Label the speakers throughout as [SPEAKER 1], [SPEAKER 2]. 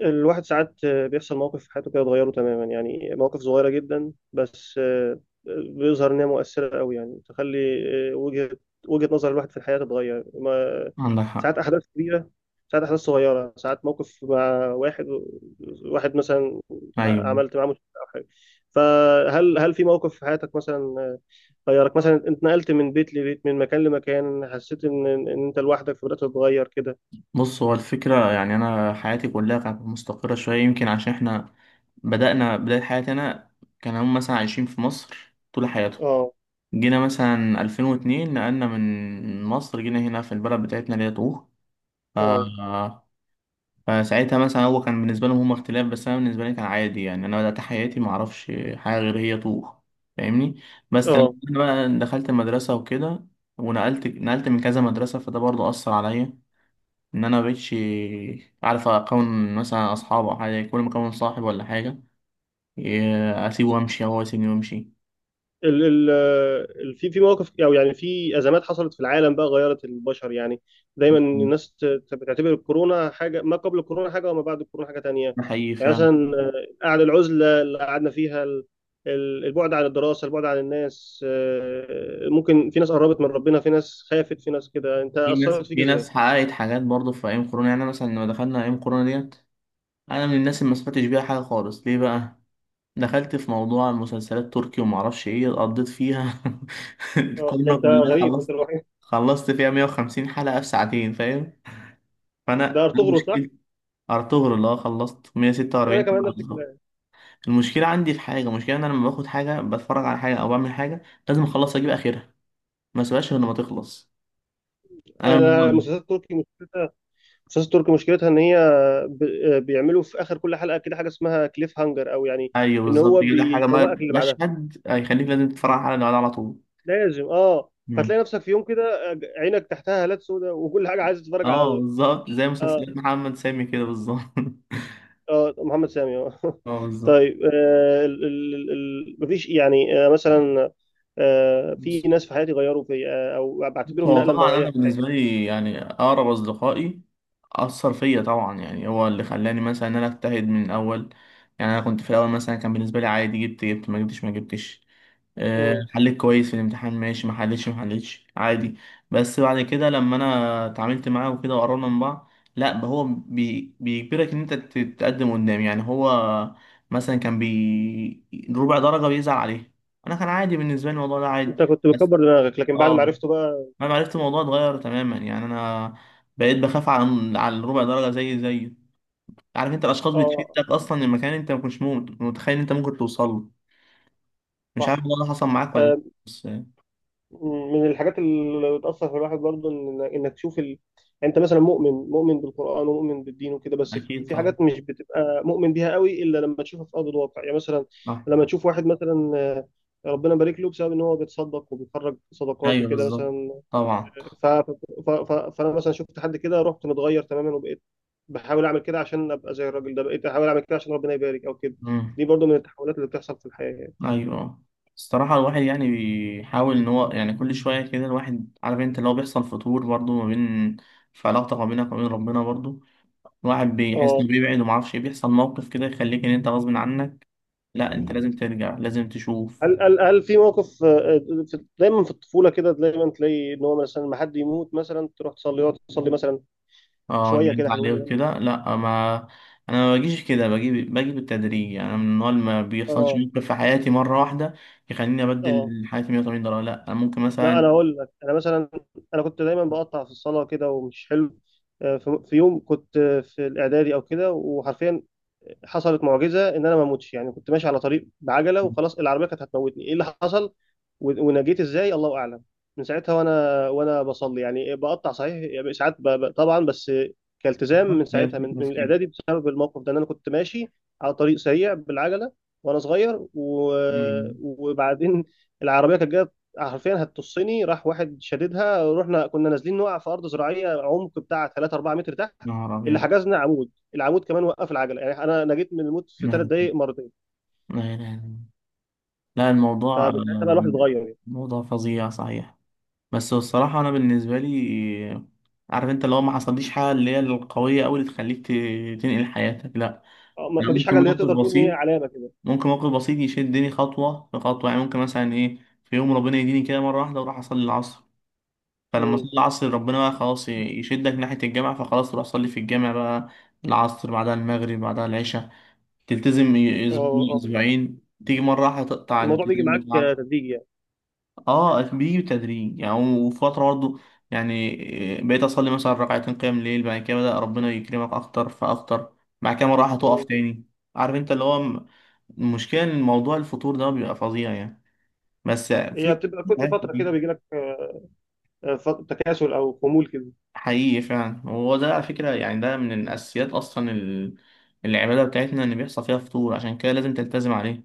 [SPEAKER 1] الواحد ساعات بيحصل موقف في حياته كده يتغيره تماما، يعني مواقف صغيرة جدا بس بيظهر إنها مؤثرة أوي، يعني تخلي آه، وجهة وجهة نظر الواحد في الحياة تتغير. ما
[SPEAKER 2] عندك حق.
[SPEAKER 1] ساعات أحداث كبيرة، ساعات أحداث صغيرة، ساعات موقف مع واحد مثلا
[SPEAKER 2] أيوة،
[SPEAKER 1] عملت معاه مشكلة أو حاجة. فهل في موقف في حياتك مثلا، غيرك مثلا أنت نقلت من بيت لبيت، من مكان لمكان، حسيت إن أنت لوحدك فبدأت تتغير كده؟
[SPEAKER 2] بص، هو الفكرة يعني أنا حياتي كلها كانت مستقرة شوية، يمكن عشان إحنا بدأنا بداية حياتي. أنا كان هم مثلا عايشين في مصر طول حياتهم،
[SPEAKER 1] اه.
[SPEAKER 2] جينا مثلا 2002 نقلنا من مصر جينا هنا في البلد بتاعتنا اللي هي طوخ. ف...
[SPEAKER 1] اه.
[SPEAKER 2] فساعتها مثلا هو كان بالنسبة لهم هم اختلاف، بس أنا بالنسبة لي كان عادي، يعني أنا بدأت حياتي معرفش حاجة غير هي طوخ. فاهمني؟ بس لما
[SPEAKER 1] اه
[SPEAKER 2] أنا بقى دخلت المدرسة وكده، ونقلت نقلت من كذا مدرسة، فده برضه أثر عليا، ان انا مبقتش عارف اكون مثلا اصحاب او حاجه، كل ما اكون صاحب ولا حاجه إيه، اسيبه وامشي او هو يسيبني وامشي.
[SPEAKER 1] ال ال ال في مواقف او يعني في ازمات حصلت في العالم بقى غيرت البشر يعني. دايما الناس بتعتبر الكورونا حاجه، ما قبل الكورونا حاجه، وما بعد الكورونا حاجه تانية.
[SPEAKER 2] ده حقيقي
[SPEAKER 1] يعني
[SPEAKER 2] فعلا.
[SPEAKER 1] مثلا قعد العزله اللي قعدنا فيها، البعد عن الدراسه، البعد عن الناس، ممكن في ناس قربت من ربنا، في ناس خافت، في ناس كده. انت
[SPEAKER 2] في ناس
[SPEAKER 1] اثرت فيك
[SPEAKER 2] في ناس
[SPEAKER 1] ازاي؟
[SPEAKER 2] حققت حاجات برضه في ايام كورونا. يعني أنا مثلا لما دخلنا ايام كورونا ديت، انا من الناس اللي ما سمعتش بيها حاجه خالص. ليه بقى؟ دخلت في موضوع المسلسلات تركي وما اعرفش ايه، قضيت فيها
[SPEAKER 1] اه، ده
[SPEAKER 2] الكورونا
[SPEAKER 1] انت
[SPEAKER 2] بالله.
[SPEAKER 1] غريب، انت
[SPEAKER 2] خلصت
[SPEAKER 1] الوحيد.
[SPEAKER 2] خلصت فيها 150 حلقه في ساعتين. فاهم؟
[SPEAKER 1] ده
[SPEAKER 2] فانا
[SPEAKER 1] ارطغرل صح؟
[SPEAKER 2] مشكلتي ارطغرل اللي هو خلصت
[SPEAKER 1] انا
[SPEAKER 2] 146
[SPEAKER 1] كمان
[SPEAKER 2] حلقه
[SPEAKER 1] نفس
[SPEAKER 2] بالظبط.
[SPEAKER 1] الكلام.
[SPEAKER 2] المشكلة عندي في حاجة، المشكلة إن أنا لما باخد حاجة، بتفرج على حاجة أو بعمل حاجة، لازم أخلص أجيب آخرها، ما أسيبهاش غير لما تخلص. أنا من النوع
[SPEAKER 1] انا
[SPEAKER 2] ده.
[SPEAKER 1] مسلسلات تركي، مسلسلات تركي مشكلتها ان هي بيعملوا في اخر كل حلقه كده حاجه اسمها كليف هانجر، او يعني
[SPEAKER 2] أيوه،
[SPEAKER 1] ان
[SPEAKER 2] بالظبط
[SPEAKER 1] هو
[SPEAKER 2] كده حاجة،
[SPEAKER 1] بيشوقك اللي بعدها.
[SPEAKER 2] مشهد هيخليك لازم تتفرج على اللي بعدها على طول.
[SPEAKER 1] لازم اه.
[SPEAKER 2] مم.
[SPEAKER 1] فتلاقي نفسك في يوم كده عينك تحتها هالات سوداء، وكل حاجه عايز تتفرج على
[SPEAKER 2] أه، بالظبط زي
[SPEAKER 1] اه.
[SPEAKER 2] مسلسلات محمد سامي كده بالظبط.
[SPEAKER 1] اه محمد سامي اه
[SPEAKER 2] أه، بالظبط.
[SPEAKER 1] طيب مفيش يعني مثلا في
[SPEAKER 2] بص
[SPEAKER 1] ناس في حياتي غيروا في او
[SPEAKER 2] بص،
[SPEAKER 1] بعتبرهم
[SPEAKER 2] هو
[SPEAKER 1] نقله
[SPEAKER 2] طبعا
[SPEAKER 1] نوعيه
[SPEAKER 2] أنا
[SPEAKER 1] في حياتي.
[SPEAKER 2] بالنسبة لي يعني أقرب أصدقائي أثر فيا طبعا، يعني هو اللي خلاني مثلا إن أنا أجتهد من الأول. يعني أنا كنت في الأول مثلا كان بالنسبة لي عادي، جبت ما جبتش ما جبتش،
[SPEAKER 1] مم.
[SPEAKER 2] حليت كويس في الامتحان ماشي، ما حليتش ما حليتش، عادي. بس بعد كده لما انا اتعاملت معاه وكده وقررنا من بعض، لا هو بيجبرك ان انت تتقدم قدام، يعني هو مثلا كان ربع درجة بيزعل عليه. انا كان عادي بالنسبة لي الموضوع ده،
[SPEAKER 1] انت
[SPEAKER 2] عادي.
[SPEAKER 1] كنت
[SPEAKER 2] بس
[SPEAKER 1] بتكبر دماغك، لكن بعد ما
[SPEAKER 2] اه،
[SPEAKER 1] عرفته بقى
[SPEAKER 2] انا عرفت الموضوع اتغير تماما. يعني انا بقيت بخاف على الربع درجة، زي عارف انت الاشخاص
[SPEAKER 1] اه.
[SPEAKER 2] بتشدك اصلا لمكان انت ما كنتش متخيل انت ممكن توصل له. مش عارف
[SPEAKER 1] صح.
[SPEAKER 2] الموضوع ده حصل معاك ولا لا.
[SPEAKER 1] آه،
[SPEAKER 2] بس
[SPEAKER 1] من الحاجات اللي بتأثر في الواحد برضه إن إنك تشوف يعني أنت مثلا مؤمن بالقرآن ومؤمن بالدين وكده، بس في
[SPEAKER 2] اكيد
[SPEAKER 1] في
[SPEAKER 2] طبعا.
[SPEAKER 1] حاجات مش بتبقى مؤمن بيها قوي إلا لما تشوفها في أرض الواقع. يعني مثلا
[SPEAKER 2] صح.
[SPEAKER 1] لما تشوف واحد مثلا ربنا بارك له بسبب إن هو بيتصدق وبيخرج صدقات
[SPEAKER 2] ايوه
[SPEAKER 1] وكده
[SPEAKER 2] بالظبط.
[SPEAKER 1] مثلا.
[SPEAKER 2] طبعا.
[SPEAKER 1] ف... ف... فأنا مثلا شفت حد كده رحت متغير تماما، وبقيت بحاول أعمل كده عشان أبقى زي الراجل ده، بقيت أحاول أعمل كده عشان ربنا يبارك أو كده.
[SPEAKER 2] امم.
[SPEAKER 1] دي برضه من التحولات اللي بتحصل في الحياة يعني.
[SPEAKER 2] ايوه. الصراحه الواحد يعني بيحاول ان هو، يعني كل شويه كده الواحد، عارف انت لو بيحصل فتور برضو ما بين، في علاقتك ما بينك وبين ربنا برضو، الواحد بيحس
[SPEAKER 1] اه.
[SPEAKER 2] انه بيبعد وما اعرفش إيه، بيحصل موقف كده يخليك ان انت غصب عنك، لا انت لازم ترجع، لازم تشوف.
[SPEAKER 1] هل في موقف دايما في الطفوله كده دايما تلاقي ان هو مثلا ما حد يموت مثلا تروح تصلي، يقعد تصلي مثلا
[SPEAKER 2] اه
[SPEAKER 1] شويه كده
[SPEAKER 2] جد عليه
[SPEAKER 1] حلوين يعني.
[SPEAKER 2] وكده، لا ما، انا ما بجيش كده، باجي باجي بالتدريج، يعني أنا من النوع اللي ما بيحصلش
[SPEAKER 1] اه.
[SPEAKER 2] موقف في حياتي مره واحده يخليني
[SPEAKER 1] اه.
[SPEAKER 2] ابدل حياتي 180 درجه، لا انا ممكن
[SPEAKER 1] لا، انا
[SPEAKER 2] مثلا.
[SPEAKER 1] اقول لك انا مثلا انا كنت دايما بقطع في الصلاه كده ومش حلو. في يوم كنت في الاعدادي او كده، وحرفيا حصلت معجزه ان انا ما اموتش. يعني كنت ماشي على طريق بعجله وخلاص، العربيه كانت هتموتني، ايه اللي حصل ونجيت ازاي الله اعلم. من ساعتها وانا بصلي، يعني بقطع صحيح يعني ساعات طبعا، بس كالتزام
[SPEAKER 2] بالظبط،
[SPEAKER 1] من
[SPEAKER 2] هي
[SPEAKER 1] ساعتها
[SPEAKER 2] الفكرة
[SPEAKER 1] من
[SPEAKER 2] في كده.
[SPEAKER 1] الاعدادي بسبب الموقف ده ان انا كنت ماشي على طريق سريع بالعجله وانا صغير
[SPEAKER 2] أمم.
[SPEAKER 1] وبعدين العربيه كانت جايه، حرفيا هتطصني. راح واحد شددها، رحنا كنا نازلين نقع في ارض زراعيه عمق بتاع 3 4 متر تحت.
[SPEAKER 2] نهار
[SPEAKER 1] اللي
[SPEAKER 2] أبيض.
[SPEAKER 1] حجزنا عمود، العمود كمان وقف العجله. يعني انا نجيت من الموت في ثلاث
[SPEAKER 2] لا،
[SPEAKER 1] دقائق مرتين.
[SPEAKER 2] لا، لا، لا، لا، الموضوع،
[SPEAKER 1] فمن ساعتها بقى الواحد اتغير يعني.
[SPEAKER 2] موضوع فظيع صحيح. بس هو الصراحة أنا بالنسبة لي، عارف أنت لو ما حصليش حاجة اللي هي القوية أوي اللي تخليك تنقل حياتك، لا. أنا
[SPEAKER 1] مفيش
[SPEAKER 2] ممكن
[SPEAKER 1] حاجه اللي هي
[SPEAKER 2] موقف
[SPEAKER 1] تقدر تقول ان هي
[SPEAKER 2] بسيط،
[SPEAKER 1] علامه كده.
[SPEAKER 2] ممكن موقف بسيط يشدني خطوة في خطوة. يعني ممكن مثلا إيه، في يوم ربنا يديني كده مرة واحدة وأروح أصلي العصر، فلما أصلي
[SPEAKER 1] امم.
[SPEAKER 2] العصر ربنا بقى خلاص يشدك ناحية الجامع، فخلاص تروح أصلي في الجامع بقى. العصر بعدها المغرب بعدها العشاء، تلتزم
[SPEAKER 1] اه.
[SPEAKER 2] اسبوع
[SPEAKER 1] اه.
[SPEAKER 2] اسبوعين، تيجي مره واحده تقطع
[SPEAKER 1] الموضوع بيجي
[SPEAKER 2] الالتزام
[SPEAKER 1] معاك
[SPEAKER 2] بتاعك.
[SPEAKER 1] تدريجي يعني.
[SPEAKER 2] اه، بيجي بتدريج يعني، وفتره برضه، يعني بقيت اصلي مثلا ركعتين قيام الليل، بعد كده بدا ربنا يكرمك اكتر فاكتر، بعد كده مره واحده تقف
[SPEAKER 1] امم.
[SPEAKER 2] تاني. عارف انت اللي هو المشكله ان موضوع الفطور ده بيبقى فظيع يعني. بس
[SPEAKER 1] هي
[SPEAKER 2] في
[SPEAKER 1] بتبقى كل
[SPEAKER 2] حاجات
[SPEAKER 1] فتره
[SPEAKER 2] كتير.
[SPEAKER 1] كده بيجي لك تكاسل او خمول كده.
[SPEAKER 2] حقيقي فعلا. هو ده على فكره يعني ده من الاساسيات اصلا، العباده بتاعتنا ان بيحصل فيها فطور، عشان كده لازم تلتزم عليه.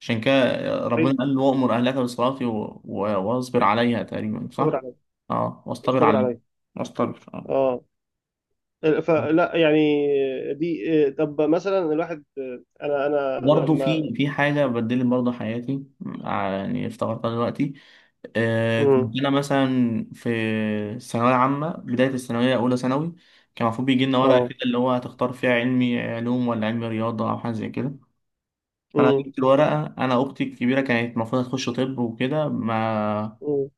[SPEAKER 2] عشان كده
[SPEAKER 1] اي،
[SPEAKER 2] ربنا قال له: وأمر أهلك بالصلاة واصبر عليها، تقريبا
[SPEAKER 1] اصبر
[SPEAKER 2] صح؟
[SPEAKER 1] عليا.
[SPEAKER 2] اه، واصطبر
[SPEAKER 1] اصبر
[SPEAKER 2] عليها،
[SPEAKER 1] عليا.
[SPEAKER 2] واصطبر اه.
[SPEAKER 1] اه. فلا يعني دي طب مثلا الواحد انا
[SPEAKER 2] برضه
[SPEAKER 1] لما
[SPEAKER 2] في حاجة بدلت برضه حياتي، يعني افتكرتها دلوقتي. كنت
[SPEAKER 1] امم.
[SPEAKER 2] أنا مثلا في الثانوية العامة، بداية الثانوية، أولى ثانوي، كان المفروض بيجي لنا ورقة
[SPEAKER 1] اه.
[SPEAKER 2] كده اللي هو هتختار فيها علمي علوم ولا علمي رياضة أو حاجة زي كده. أنا
[SPEAKER 1] امم.
[SPEAKER 2] جبت الورقة، أنا أختي الكبيرة كانت المفروض هتخش طب وكده، ما
[SPEAKER 1] امم.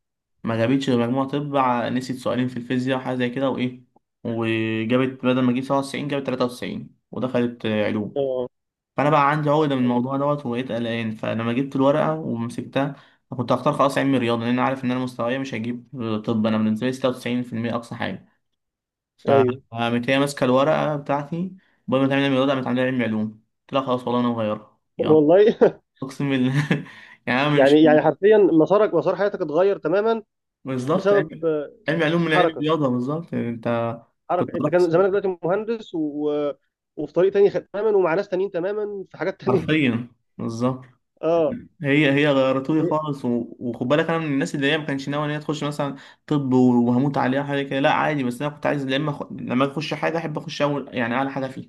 [SPEAKER 2] ما جابتش غير مجموع طب، نسيت سؤالين في الفيزياء وحاجة زي كده وإيه، وجابت بدل ما تجيب 97 جابت 93 ودخلت علوم.
[SPEAKER 1] اه.
[SPEAKER 2] فأنا بقى عندي عقدة من
[SPEAKER 1] ايوه.
[SPEAKER 2] الموضوع دوت، وبقيت قلقان. فلما جبت الورقة ومسكتها، كنت هختار خلاص علمي رياضة، لأن أنا عارف إن أنا مستواي مش هجيب طب، أنا بالنسبة لي 96% أقصى حاجة.
[SPEAKER 1] ايوه
[SPEAKER 2] فقامت هي ماسكة الورقة بتاعتي، بدل ما تعمل علمي رياضة قامت عاملة علمي علوم. قلت لها خلاص والله أنا مغيرها، يلا.
[SPEAKER 1] والله
[SPEAKER 2] أقسم بالله. يعني أنا مش،
[SPEAKER 1] يعني، يعني حرفيا مسارك، مسار حياتك اتغير تماما
[SPEAKER 2] بالظبط
[SPEAKER 1] بسبب
[SPEAKER 2] علمي علمي علوم من علمي
[SPEAKER 1] حركه.
[SPEAKER 2] رياضة، بالظبط. انت كنت
[SPEAKER 1] حركه انت
[SPEAKER 2] بروح
[SPEAKER 1] كان
[SPEAKER 2] الصيف.
[SPEAKER 1] زمانك دلوقتي مهندس، و وفي طريق تاني تماما، ومع ناس تانيين تماما، في حاجات تانية.
[SPEAKER 2] حرفيا بالظبط.
[SPEAKER 1] اه.
[SPEAKER 2] هي غيرتولي خالص، وخد بالك انا من الناس اللي هي ما كانش ناوي ان هي تخش مثلا طب وهموت عليها حاجه كده، لا عادي، بس انا كنت عايز لما لما اخش حاجه احب اخش اول يعني اعلى حاجه فيها.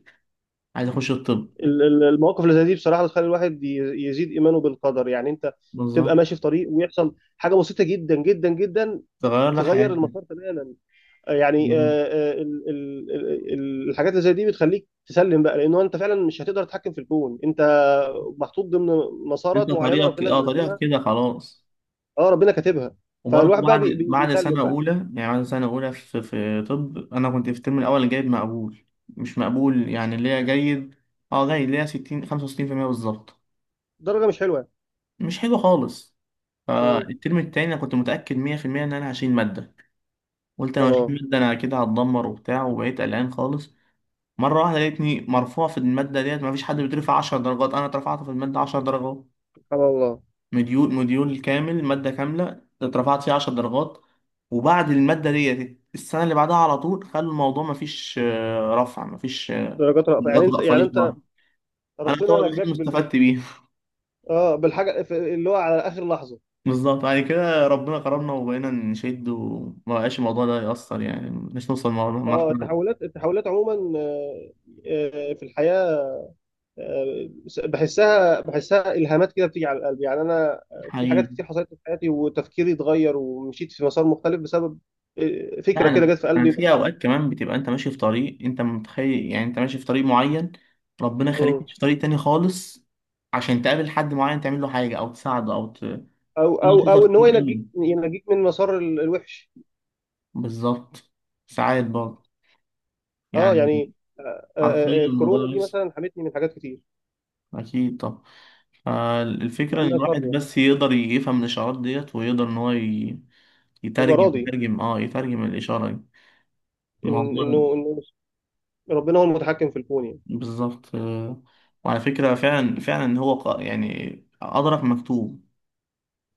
[SPEAKER 2] عايز اخش الطب.
[SPEAKER 1] المواقف اللي زي دي بصراحه بتخلي الواحد يزيد ايمانه بالقدر. يعني انت تبقى
[SPEAKER 2] بالظبط،
[SPEAKER 1] ماشي في طريق ويحصل حاجه بسيطه جدا جدا جدا
[SPEAKER 2] تغير لك
[SPEAKER 1] تغير
[SPEAKER 2] حياتك
[SPEAKER 1] المسار تماما. آه، يعني آه،
[SPEAKER 2] بالظبط.
[SPEAKER 1] الحاجات اللي زي دي بتخليك تسلم بقى، لانه انت فعلا مش هتقدر تتحكم في الكون. انت محطوط ضمن
[SPEAKER 2] انت
[SPEAKER 1] مسارات معينه
[SPEAKER 2] طريقك،
[SPEAKER 1] ربنا
[SPEAKER 2] اه
[SPEAKER 1] اللي
[SPEAKER 2] طريقك
[SPEAKER 1] راسمها.
[SPEAKER 2] كده خلاص.
[SPEAKER 1] اه ربنا كاتبها.
[SPEAKER 2] وبرضه
[SPEAKER 1] فالواحد بقى
[SPEAKER 2] بعد بعد سنه
[SPEAKER 1] بيسلم بقى.
[SPEAKER 2] اولى، يعني بعد سنه اولى في طب، انا كنت في الترم الاول جايب مقبول، مش مقبول يعني، اللي هي جيد. اه، جيد اللي هي 60 65% بالظبط.
[SPEAKER 1] درجه مش حلوه.
[SPEAKER 2] مش حلو خالص.
[SPEAKER 1] امم.
[SPEAKER 2] فالترم التاني انا كنت متاكد 100% ان انا هشيل ماده. قلت انا هشيل
[SPEAKER 1] اه.
[SPEAKER 2] ماده، انا كده هتدمر وبتاع، وبقيت قلقان خالص. مره واحده لقيتني مرفوع في الماده ديت، مفيش حد بيترفع 10 درجات، انا اترفعت في الماده 10 درجات.
[SPEAKER 1] سبحان الله.
[SPEAKER 2] مديول كامل، ماده كامله اترفعت فيها 10 درجات. وبعد الماده ديت، السنه اللي بعدها على طول خلوا الموضوع مفيش رفع، مفيش
[SPEAKER 1] درجات رأفة يعني.
[SPEAKER 2] درجات
[SPEAKER 1] انت،
[SPEAKER 2] ولا
[SPEAKER 1] يعني
[SPEAKER 2] فاضي
[SPEAKER 1] انت
[SPEAKER 2] خالص. انا طبعا
[SPEAKER 1] ربنا
[SPEAKER 2] الوحيد
[SPEAKER 1] نجاك.
[SPEAKER 2] اللي استفدت بيها،
[SPEAKER 1] اه بالحاجه اللي هو على اخر لحظه.
[SPEAKER 2] بالظبط. بعد كده ربنا كرمنا وبقينا نشد، وما بقاش الموضوع ده يأثر يعني، مش نوصل
[SPEAKER 1] اه
[SPEAKER 2] لمرحلة.
[SPEAKER 1] التحولات، التحولات عموما في الحياه آه، بحسها، بحسها الهامات كده بتيجي على القلب. يعني انا في
[SPEAKER 2] حقيقي.
[SPEAKER 1] حاجات كتير حصلت لي في حياتي وتفكيري اتغير ومشيت في مسار مختلف بسبب
[SPEAKER 2] لا
[SPEAKER 1] فكره كده
[SPEAKER 2] أنا،
[SPEAKER 1] جت في قلبي مرة
[SPEAKER 2] في
[SPEAKER 1] واحدة.
[SPEAKER 2] أوقات كمان بتبقى أنت ماشي في طريق، أنت متخيل يعني أنت ماشي في طريق معين، ربنا يخليك
[SPEAKER 1] مم.
[SPEAKER 2] تمشي في طريق تاني خالص عشان تقابل حد معين تعمل له حاجة أو تساعده أو
[SPEAKER 1] او او
[SPEAKER 2] تظهر
[SPEAKER 1] او ان هو
[SPEAKER 2] كتير
[SPEAKER 1] ينجيك،
[SPEAKER 2] أوي.
[SPEAKER 1] ينجيك من مسار الوحش.
[SPEAKER 2] بالظبط. ساعات برضه
[SPEAKER 1] اه
[SPEAKER 2] يعني،
[SPEAKER 1] يعني
[SPEAKER 2] حرفيا الموضوع
[SPEAKER 1] الكورونا دي
[SPEAKER 2] بيحصل.
[SPEAKER 1] مثلا حمتني من حاجات كتير
[SPEAKER 2] أكيد. طب
[SPEAKER 1] مع
[SPEAKER 2] الفكرة إن
[SPEAKER 1] انها شر
[SPEAKER 2] الواحد
[SPEAKER 1] يعني.
[SPEAKER 2] بس يقدر يفهم الإشارات ديت ويقدر إن هو
[SPEAKER 1] يبقى
[SPEAKER 2] يترجم
[SPEAKER 1] راضي
[SPEAKER 2] يترجم اه يترجم الإشارة دي،
[SPEAKER 1] إن-
[SPEAKER 2] الموضوع ده،
[SPEAKER 1] انه ربنا هو المتحكم في الكون يعني.
[SPEAKER 2] بالظبط، آه. وعلى فكرة، فعلا فعلا هو يعني أدرك مكتوب.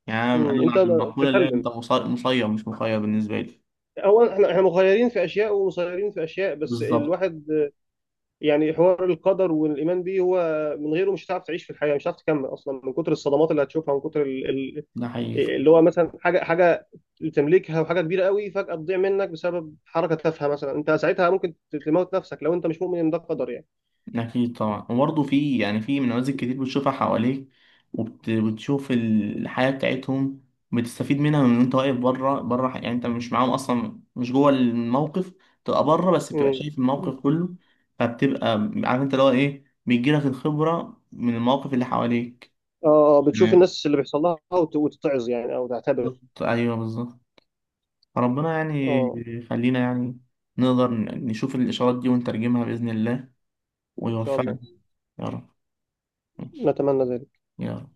[SPEAKER 2] يعني أنا
[SPEAKER 1] مم.
[SPEAKER 2] أنا
[SPEAKER 1] انت
[SPEAKER 2] على المقولة اللي هي أنت
[SPEAKER 1] تسلم.
[SPEAKER 2] مصير مش مخير بالنسبة لي.
[SPEAKER 1] هو احنا، مخيرين في اشياء ومسيرين في اشياء، بس
[SPEAKER 2] بالظبط.
[SPEAKER 1] الواحد يعني حوار القدر والايمان بيه هو من غيره مش هتعرف تعيش في الحياه، مش هتعرف تكمل اصلا من كتر الصدمات اللي هتشوفها، من كتر
[SPEAKER 2] ده حقيقي.
[SPEAKER 1] اللي هو مثلا حاجه تملكها، وحاجه كبيره قوي فجاه تضيع منك بسبب حركه تافهه مثلا، انت ساعتها ممكن تموت نفسك لو انت مش مؤمن ان ده قدر يعني.
[SPEAKER 2] أكيد طبعا. وبرضه في، يعني في نماذج كتير بتشوفها حواليك، وبتشوف الحياة بتاعتهم، بتستفيد منها، من وأنت واقف بره بره، يعني أنت مش معاهم أصلا، مش جوه الموقف، تبقى بره بس بتبقى
[SPEAKER 1] امم.
[SPEAKER 2] شايف الموقف كله. فبتبقى عارف أنت اللي هو إيه، بيجيلك الخبرة من المواقف اللي حواليك.
[SPEAKER 1] اه. بتشوف
[SPEAKER 2] تمام.
[SPEAKER 1] الناس اللي بيحصل لها وتتعظ يعني او تعتبر.
[SPEAKER 2] بالظبط، أيوه بالظبط. ربنا يعني
[SPEAKER 1] اه.
[SPEAKER 2] يخلينا يعني نقدر نشوف الإشارات دي ونترجمها بإذن الله،
[SPEAKER 1] ان شاء
[SPEAKER 2] ويوفقنا.
[SPEAKER 1] الله.
[SPEAKER 2] يا رب،
[SPEAKER 1] نتمنى ذلك.
[SPEAKER 2] يا رب.